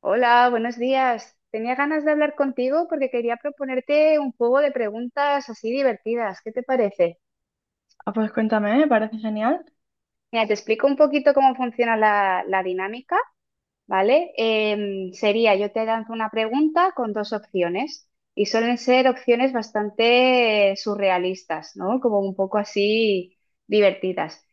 Hola, buenos días. Tenía ganas de hablar contigo porque quería proponerte un juego de preguntas así divertidas. ¿Qué te parece? Ah, pues cuéntame, me parece genial. Mira, te explico un poquito cómo funciona la dinámica, ¿vale? Sería, yo te lanzo una pregunta con dos opciones y suelen ser opciones bastante surrealistas, ¿no? Como un poco así divertidas.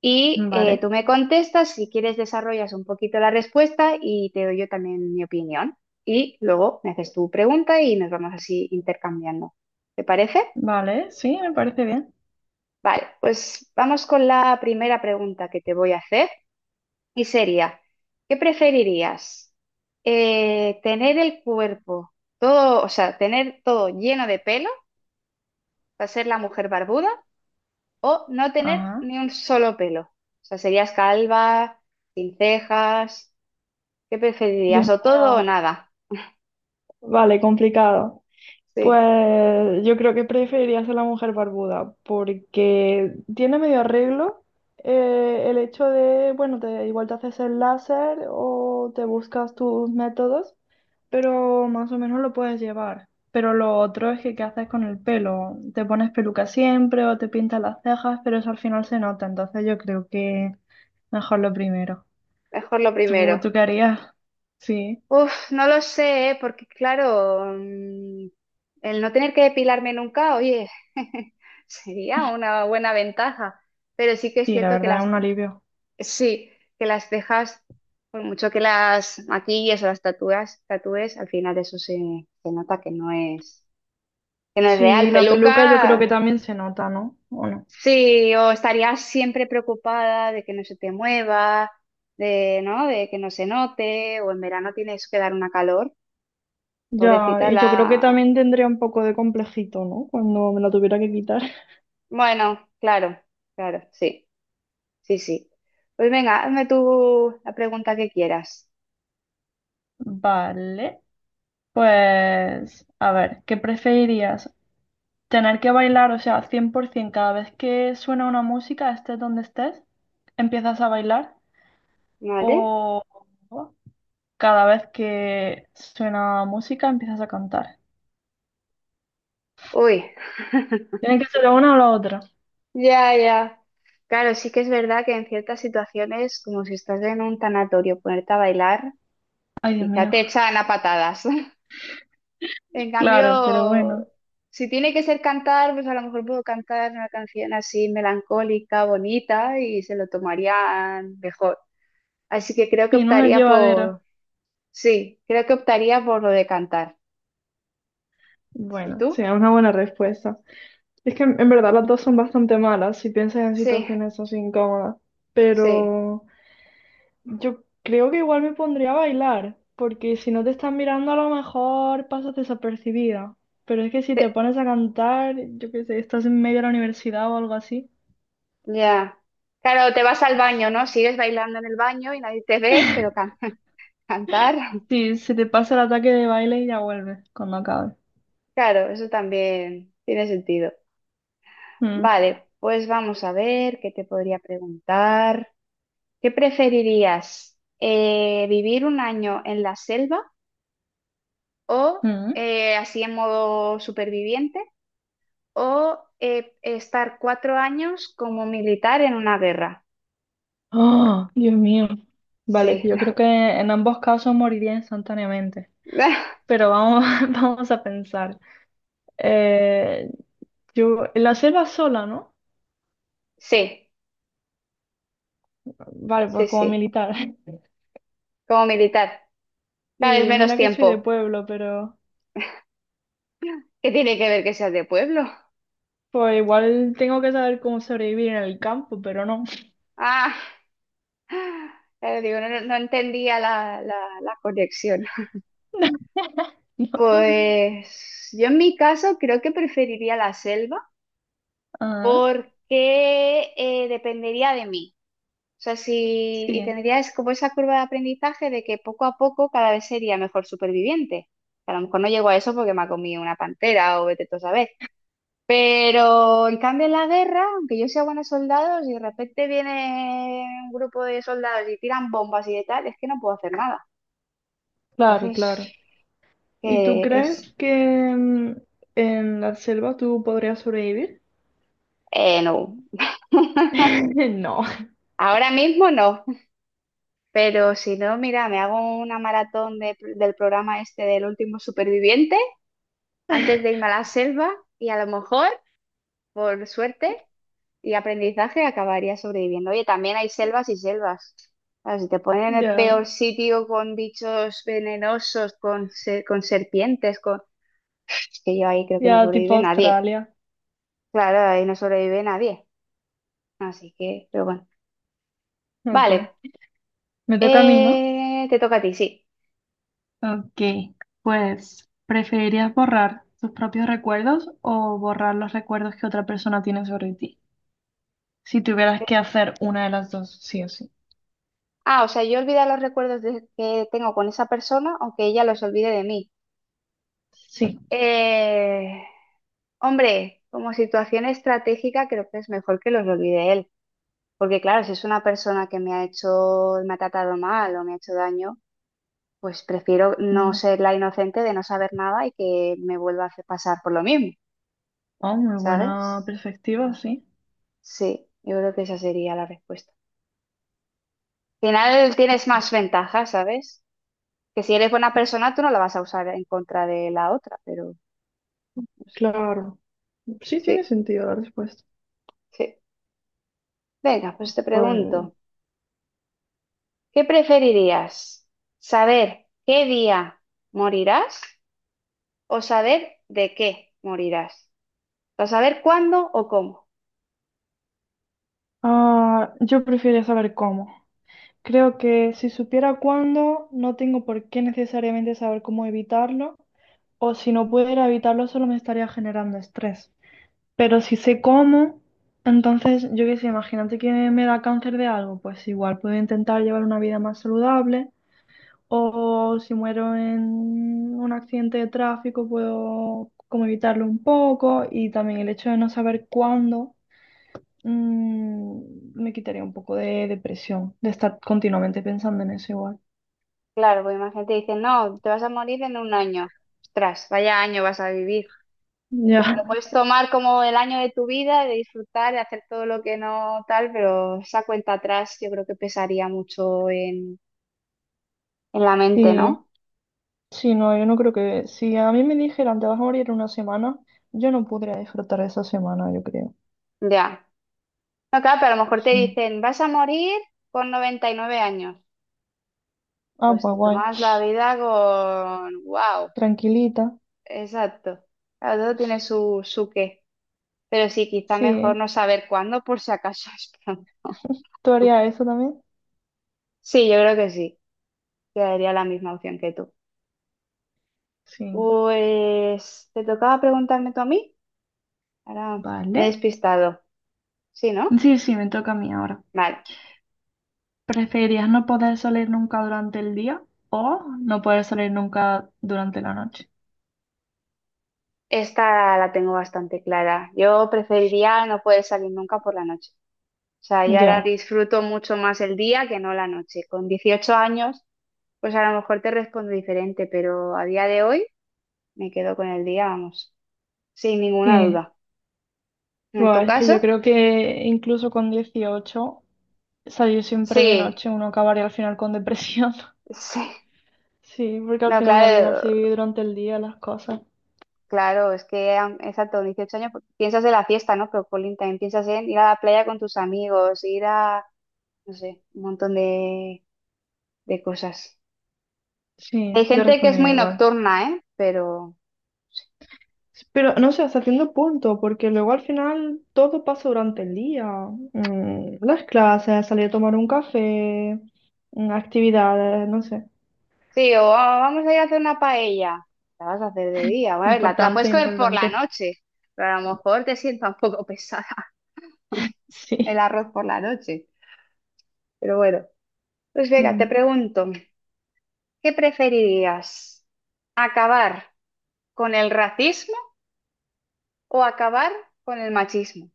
Y tú Vale, me contestas, si quieres desarrollas un poquito la respuesta y te doy yo también mi opinión. Y luego me haces tu pregunta y nos vamos así intercambiando. ¿Te parece? vale, sí, me parece bien. Vale, pues vamos con la primera pregunta que te voy a hacer. Y sería, ¿qué preferirías? ¿Tener el cuerpo todo, o sea, tener todo lleno de pelo para ser la mujer barbuda o no tener Ajá. ni un solo pelo? O sea, serías calva, sin cejas, ¿qué Dios preferirías? ¿O todo o mío, nada? vale, complicado. Sí, Pues yo creo que preferiría ser la mujer barbuda, porque tiene medio arreglo el hecho de, bueno, igual te haces el láser o te buscas tus métodos, pero más o menos lo puedes llevar. Pero lo otro es que qué haces con el pelo. Te pones peluca siempre o te pintas las cejas, pero eso al final se nota. Entonces yo creo que mejor lo primero. mejor lo ¿Tú, primero. tú qué harías? Sí, Uf, no lo sé, ¿eh? Porque claro, el no tener que depilarme nunca, oye, sería una buena ventaja. Pero sí que es sí, la cierto que verdad es las, un alivio. sí, que las cejas, por mucho que las maquilles o las tatúes, al final eso se nota que no es Sí, real. la peluca yo creo que Peluca, también se nota, ¿no? ¿O no? sí, o estarías siempre preocupada de que no se te mueva, de, ¿no? De que no se note, o en verano tienes que dar una calor. Ya, Pobrecita y yo creo que la... también tendría un poco de complejito, ¿no? Cuando me la tuviera que quitar. Bueno, claro, claro, sí, sí, sí. Pues venga, hazme tú la pregunta que quieras, Vale, pues a ver, ¿qué preferirías? ¿Tener que bailar, o sea, 100% cada vez que suena una música, estés donde estés, empiezas a bailar? ¿vale? ¿O cada vez que suena música, empiezas a cantar? Uy. Tiene que ser la una o la otra. Ya, ya. Claro, sí que es verdad que en ciertas situaciones, como si estás en un tanatorio, ponerte a bailar, Ay, Dios quizá mío. te echan a patadas. En Claro, pero cambio, bueno. si tiene que ser cantar, pues a lo mejor puedo cantar una canción así melancólica, bonita, y se lo tomarían mejor. Así que creo que Sí, no es optaría llevadero. por, sí, creo que optaría por lo de cantar. ¿Y Bueno, sí, tú? es una buena respuesta. Es que en verdad las dos son bastante malas si piensas en Sí, situaciones así incómodas, sí. pero yo creo que igual me pondría a bailar, porque si no te están mirando a lo mejor pasas desapercibida, pero es que si te Te- pones a cantar, yo qué sé, estás en medio de la universidad o algo así, Ya. Claro, te vas al baño, ¿no? Sigues bailando en el baño y nadie te ve, pero cantas. ¿Cantar? sí, se te pasa el ataque de baile y ya vuelves cuando acabe. Claro, eso también tiene sentido. Mm, Vale, pues vamos a ver qué te podría preguntar. ¿Qué preferirías? ¿Vivir un año en la selva o mm. Así en modo superviviente o estar 4 años como militar en una guerra? Oh, Dios mío. Vale, que Sí, yo creo que en ambos casos moriría instantáneamente. Pero vamos, vamos a pensar. Eh, yo, la selva sola, ¿no? sí, Vale, sí, pues como sí, militar. como militar. Cada vez Sí, menos mira que soy tiempo. de pueblo, pero ¿Qué tiene que ver que seas de pueblo? pues igual tengo que saber cómo sobrevivir en el campo, pero no. Ah. Pero digo, no entendía la conexión. No. Pues yo en mi caso creo que preferiría la selva Ah, porque dependería de mí. O sea, si, y sí. tendría es como esa curva de aprendizaje de que poco a poco cada vez sería mejor superviviente. A lo mejor no llego a eso porque me ha comido una pantera o vete tú a saber. Pero en cambio en la guerra, aunque yo sea buena soldado, si de repente viene un grupo de soldados y tiran bombas y de tal, es que no puedo hacer nada. Claro, Entonces, claro. ¿Y tú que es, crees que en la selva tú podrías sobrevivir? No, No. ahora mismo no, pero si no, mira, me hago una maratón del programa este del último superviviente antes de irme a la selva y a lo mejor, por suerte y aprendizaje, acabaría sobreviviendo. Oye, también hay selvas y selvas. Claro, si te ponen en el Ya, peor sitio con bichos venenosos, con serpientes, con... Es que yo ahí creo que no ya tipo sobrevive nadie. Australia. Claro, ahí no sobrevive nadie. Así que, pero bueno. Ok. Vale, Me toca a mí, ¿no? Te toca a ti, sí. Ok, pues, ¿preferirías borrar tus propios recuerdos o borrar los recuerdos que otra persona tiene sobre ti? Si tuvieras que hacer una de las dos, sí o sí. Ah, o sea, yo olvidar los recuerdos que tengo con esa persona, aunque ella los olvide de mí. Sí. Eh, hombre, como situación estratégica, creo que es mejor que los olvide él. Porque claro, si es una persona que me ha hecho, me ha tratado mal o me ha hecho daño, pues prefiero no Mm. ser la inocente de no saber nada y que me vuelva a hacer pasar por lo mismo, Oh, muy buena ¿sabes? perspectiva, sí. Sí, yo creo que esa sería la respuesta. Al final tienes más ventajas, ¿sabes? Que si eres buena persona, tú no la vas a usar en contra de la otra, pero no sé. Claro. Sí, tiene Sí, sentido la respuesta. sí. Venga, pues te Pues, pregunto, ¿qué preferirías? ¿Saber qué día morirás o saber de qué morirás? ¿O saber cuándo o cómo? Yo preferiría saber cómo. Creo que si supiera cuándo, no tengo por qué necesariamente saber cómo evitarlo, o si no pudiera evitarlo, solo me estaría generando estrés. Pero si sé cómo, entonces yo qué sé, imagínate que me da cáncer de algo, pues igual puedo intentar llevar una vida más saludable o si muero en un accidente de tráfico puedo como evitarlo un poco, y también el hecho de no saber cuándo me quitaría un poco de depresión, de estar continuamente pensando en eso igual. Claro, porque imagínate, dicen, no, te vas a morir en un año. Ostras, vaya año vas a vivir. Lo Ya, puedes tomar como el año de tu vida, de disfrutar, de hacer todo lo que no tal, pero esa cuenta atrás yo creo que pesaría mucho en la mente, sí, ¿no? sí, no, yo no creo que, si a mí me dijeran te vas a morir en una semana, yo no podría disfrutar de esa semana, yo creo. Ya. No, claro, pero a lo mejor te dicen, vas a morir con 99 años. Ah, Pues pues te guay. tomas la vida con... ¡Wow! Tranquilita. Exacto. Claro, todo tiene su qué. Pero sí, quizá mejor Sí. no saber cuándo por si acaso es pronto. ¿Tú harías eso también? Sí, yo creo que sí. Quedaría la misma opción que tú. Sí. Pues, ¿te tocaba preguntarme tú a mí? Ahora me he Vale. despistado. Sí, ¿no? Sí, sí, me toca a mí ahora. Vale. ¿Preferirías no poder salir nunca durante el día o no poder salir nunca durante la noche? Esta la tengo bastante clara. Yo preferiría no poder salir nunca por la noche. O sea, y ahora Ya. disfruto mucho más el día que no la noche. Con 18 años, pues a lo mejor te respondo diferente, pero a día de hoy me quedo con el día, vamos, sin ninguna Sí. duda. ¿En tu Buah, es que caso? yo creo que incluso con 18, salir siempre de Sí, noche uno acabaría al final con depresión. sí. Sí, porque al No, final la vida claro, se vive durante el día, las cosas. claro, es que exacto, 18 años, pues, piensas en la fiesta, ¿no? Pero Colin, también piensas en ir a la playa con tus amigos, ir a, no sé, un montón de cosas. Hay Sí, yo gente que es respondería muy igual. nocturna, ¿eh? Pero Pero no sé, hasta cierto punto, porque luego al final todo pasa durante el día. Las clases, salir a tomar un café, actividades, no sé. sí, o "Ah, vamos a ir a hacer una paella. La vas a hacer de día, a ver, la, te la Importante, puedes comer por la importante. noche, pero a lo mejor te sienta un poco pesada el Sí. arroz por la noche. Pero bueno, pues venga, te Mm, pregunto, ¿qué preferirías? ¿Acabar con el racismo o acabar con el machismo?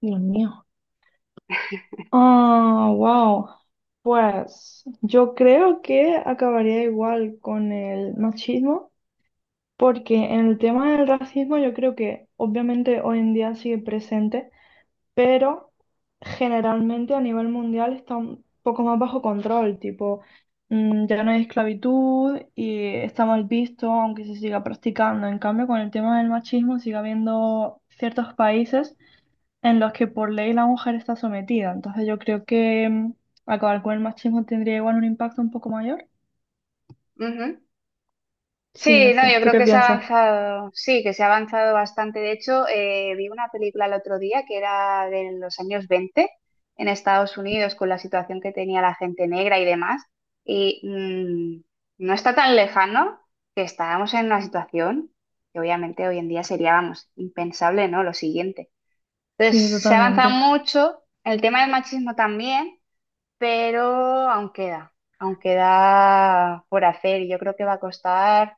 Dios mío. Ah, wow. Pues yo creo que acabaría igual con el machismo, porque en el tema del racismo yo creo que obviamente hoy en día sigue presente. Pero generalmente a nivel mundial está un poco más bajo control, tipo, ya no hay esclavitud y está mal visto, aunque se siga practicando. En cambio, con el tema del machismo sigue habiendo ciertos países en los que por ley la mujer está sometida. Entonces yo creo que acabar con el machismo tendría igual un impacto un poco mayor. Sí, Sí, no no, sé. yo ¿Tú creo qué que se ha piensas? avanzado, sí, que se ha avanzado bastante. De hecho, vi una película el otro día que era de los años 20 en Estados Unidos con la situación que tenía la gente negra y demás. Y no está tan lejano que estábamos en una situación que obviamente hoy en día sería, vamos, impensable, ¿no? Lo siguiente. Sí, Entonces, se ha avanzado totalmente. mucho, el tema del machismo también, pero aún queda por hacer y yo creo que va a costar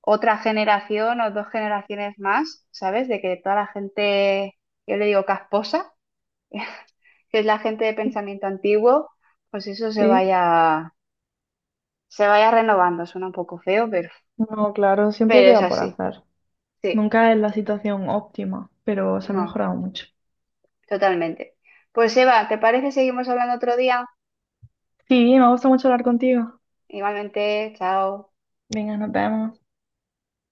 otra generación o dos generaciones más, ¿sabes? De que toda la gente, yo le digo casposa, que es la gente de pensamiento antiguo, pues eso Sí. Se vaya renovando. Suena un poco feo, No, claro, siempre pero es queda por así. hacer. Sí, Nunca es la situación óptima, pero se ha no, mejorado mucho. totalmente. Pues Eva, ¿te parece? Seguimos hablando otro día. Sí, me gusta mucho hablar contigo. Igualmente, chao. Venga, nos vemos.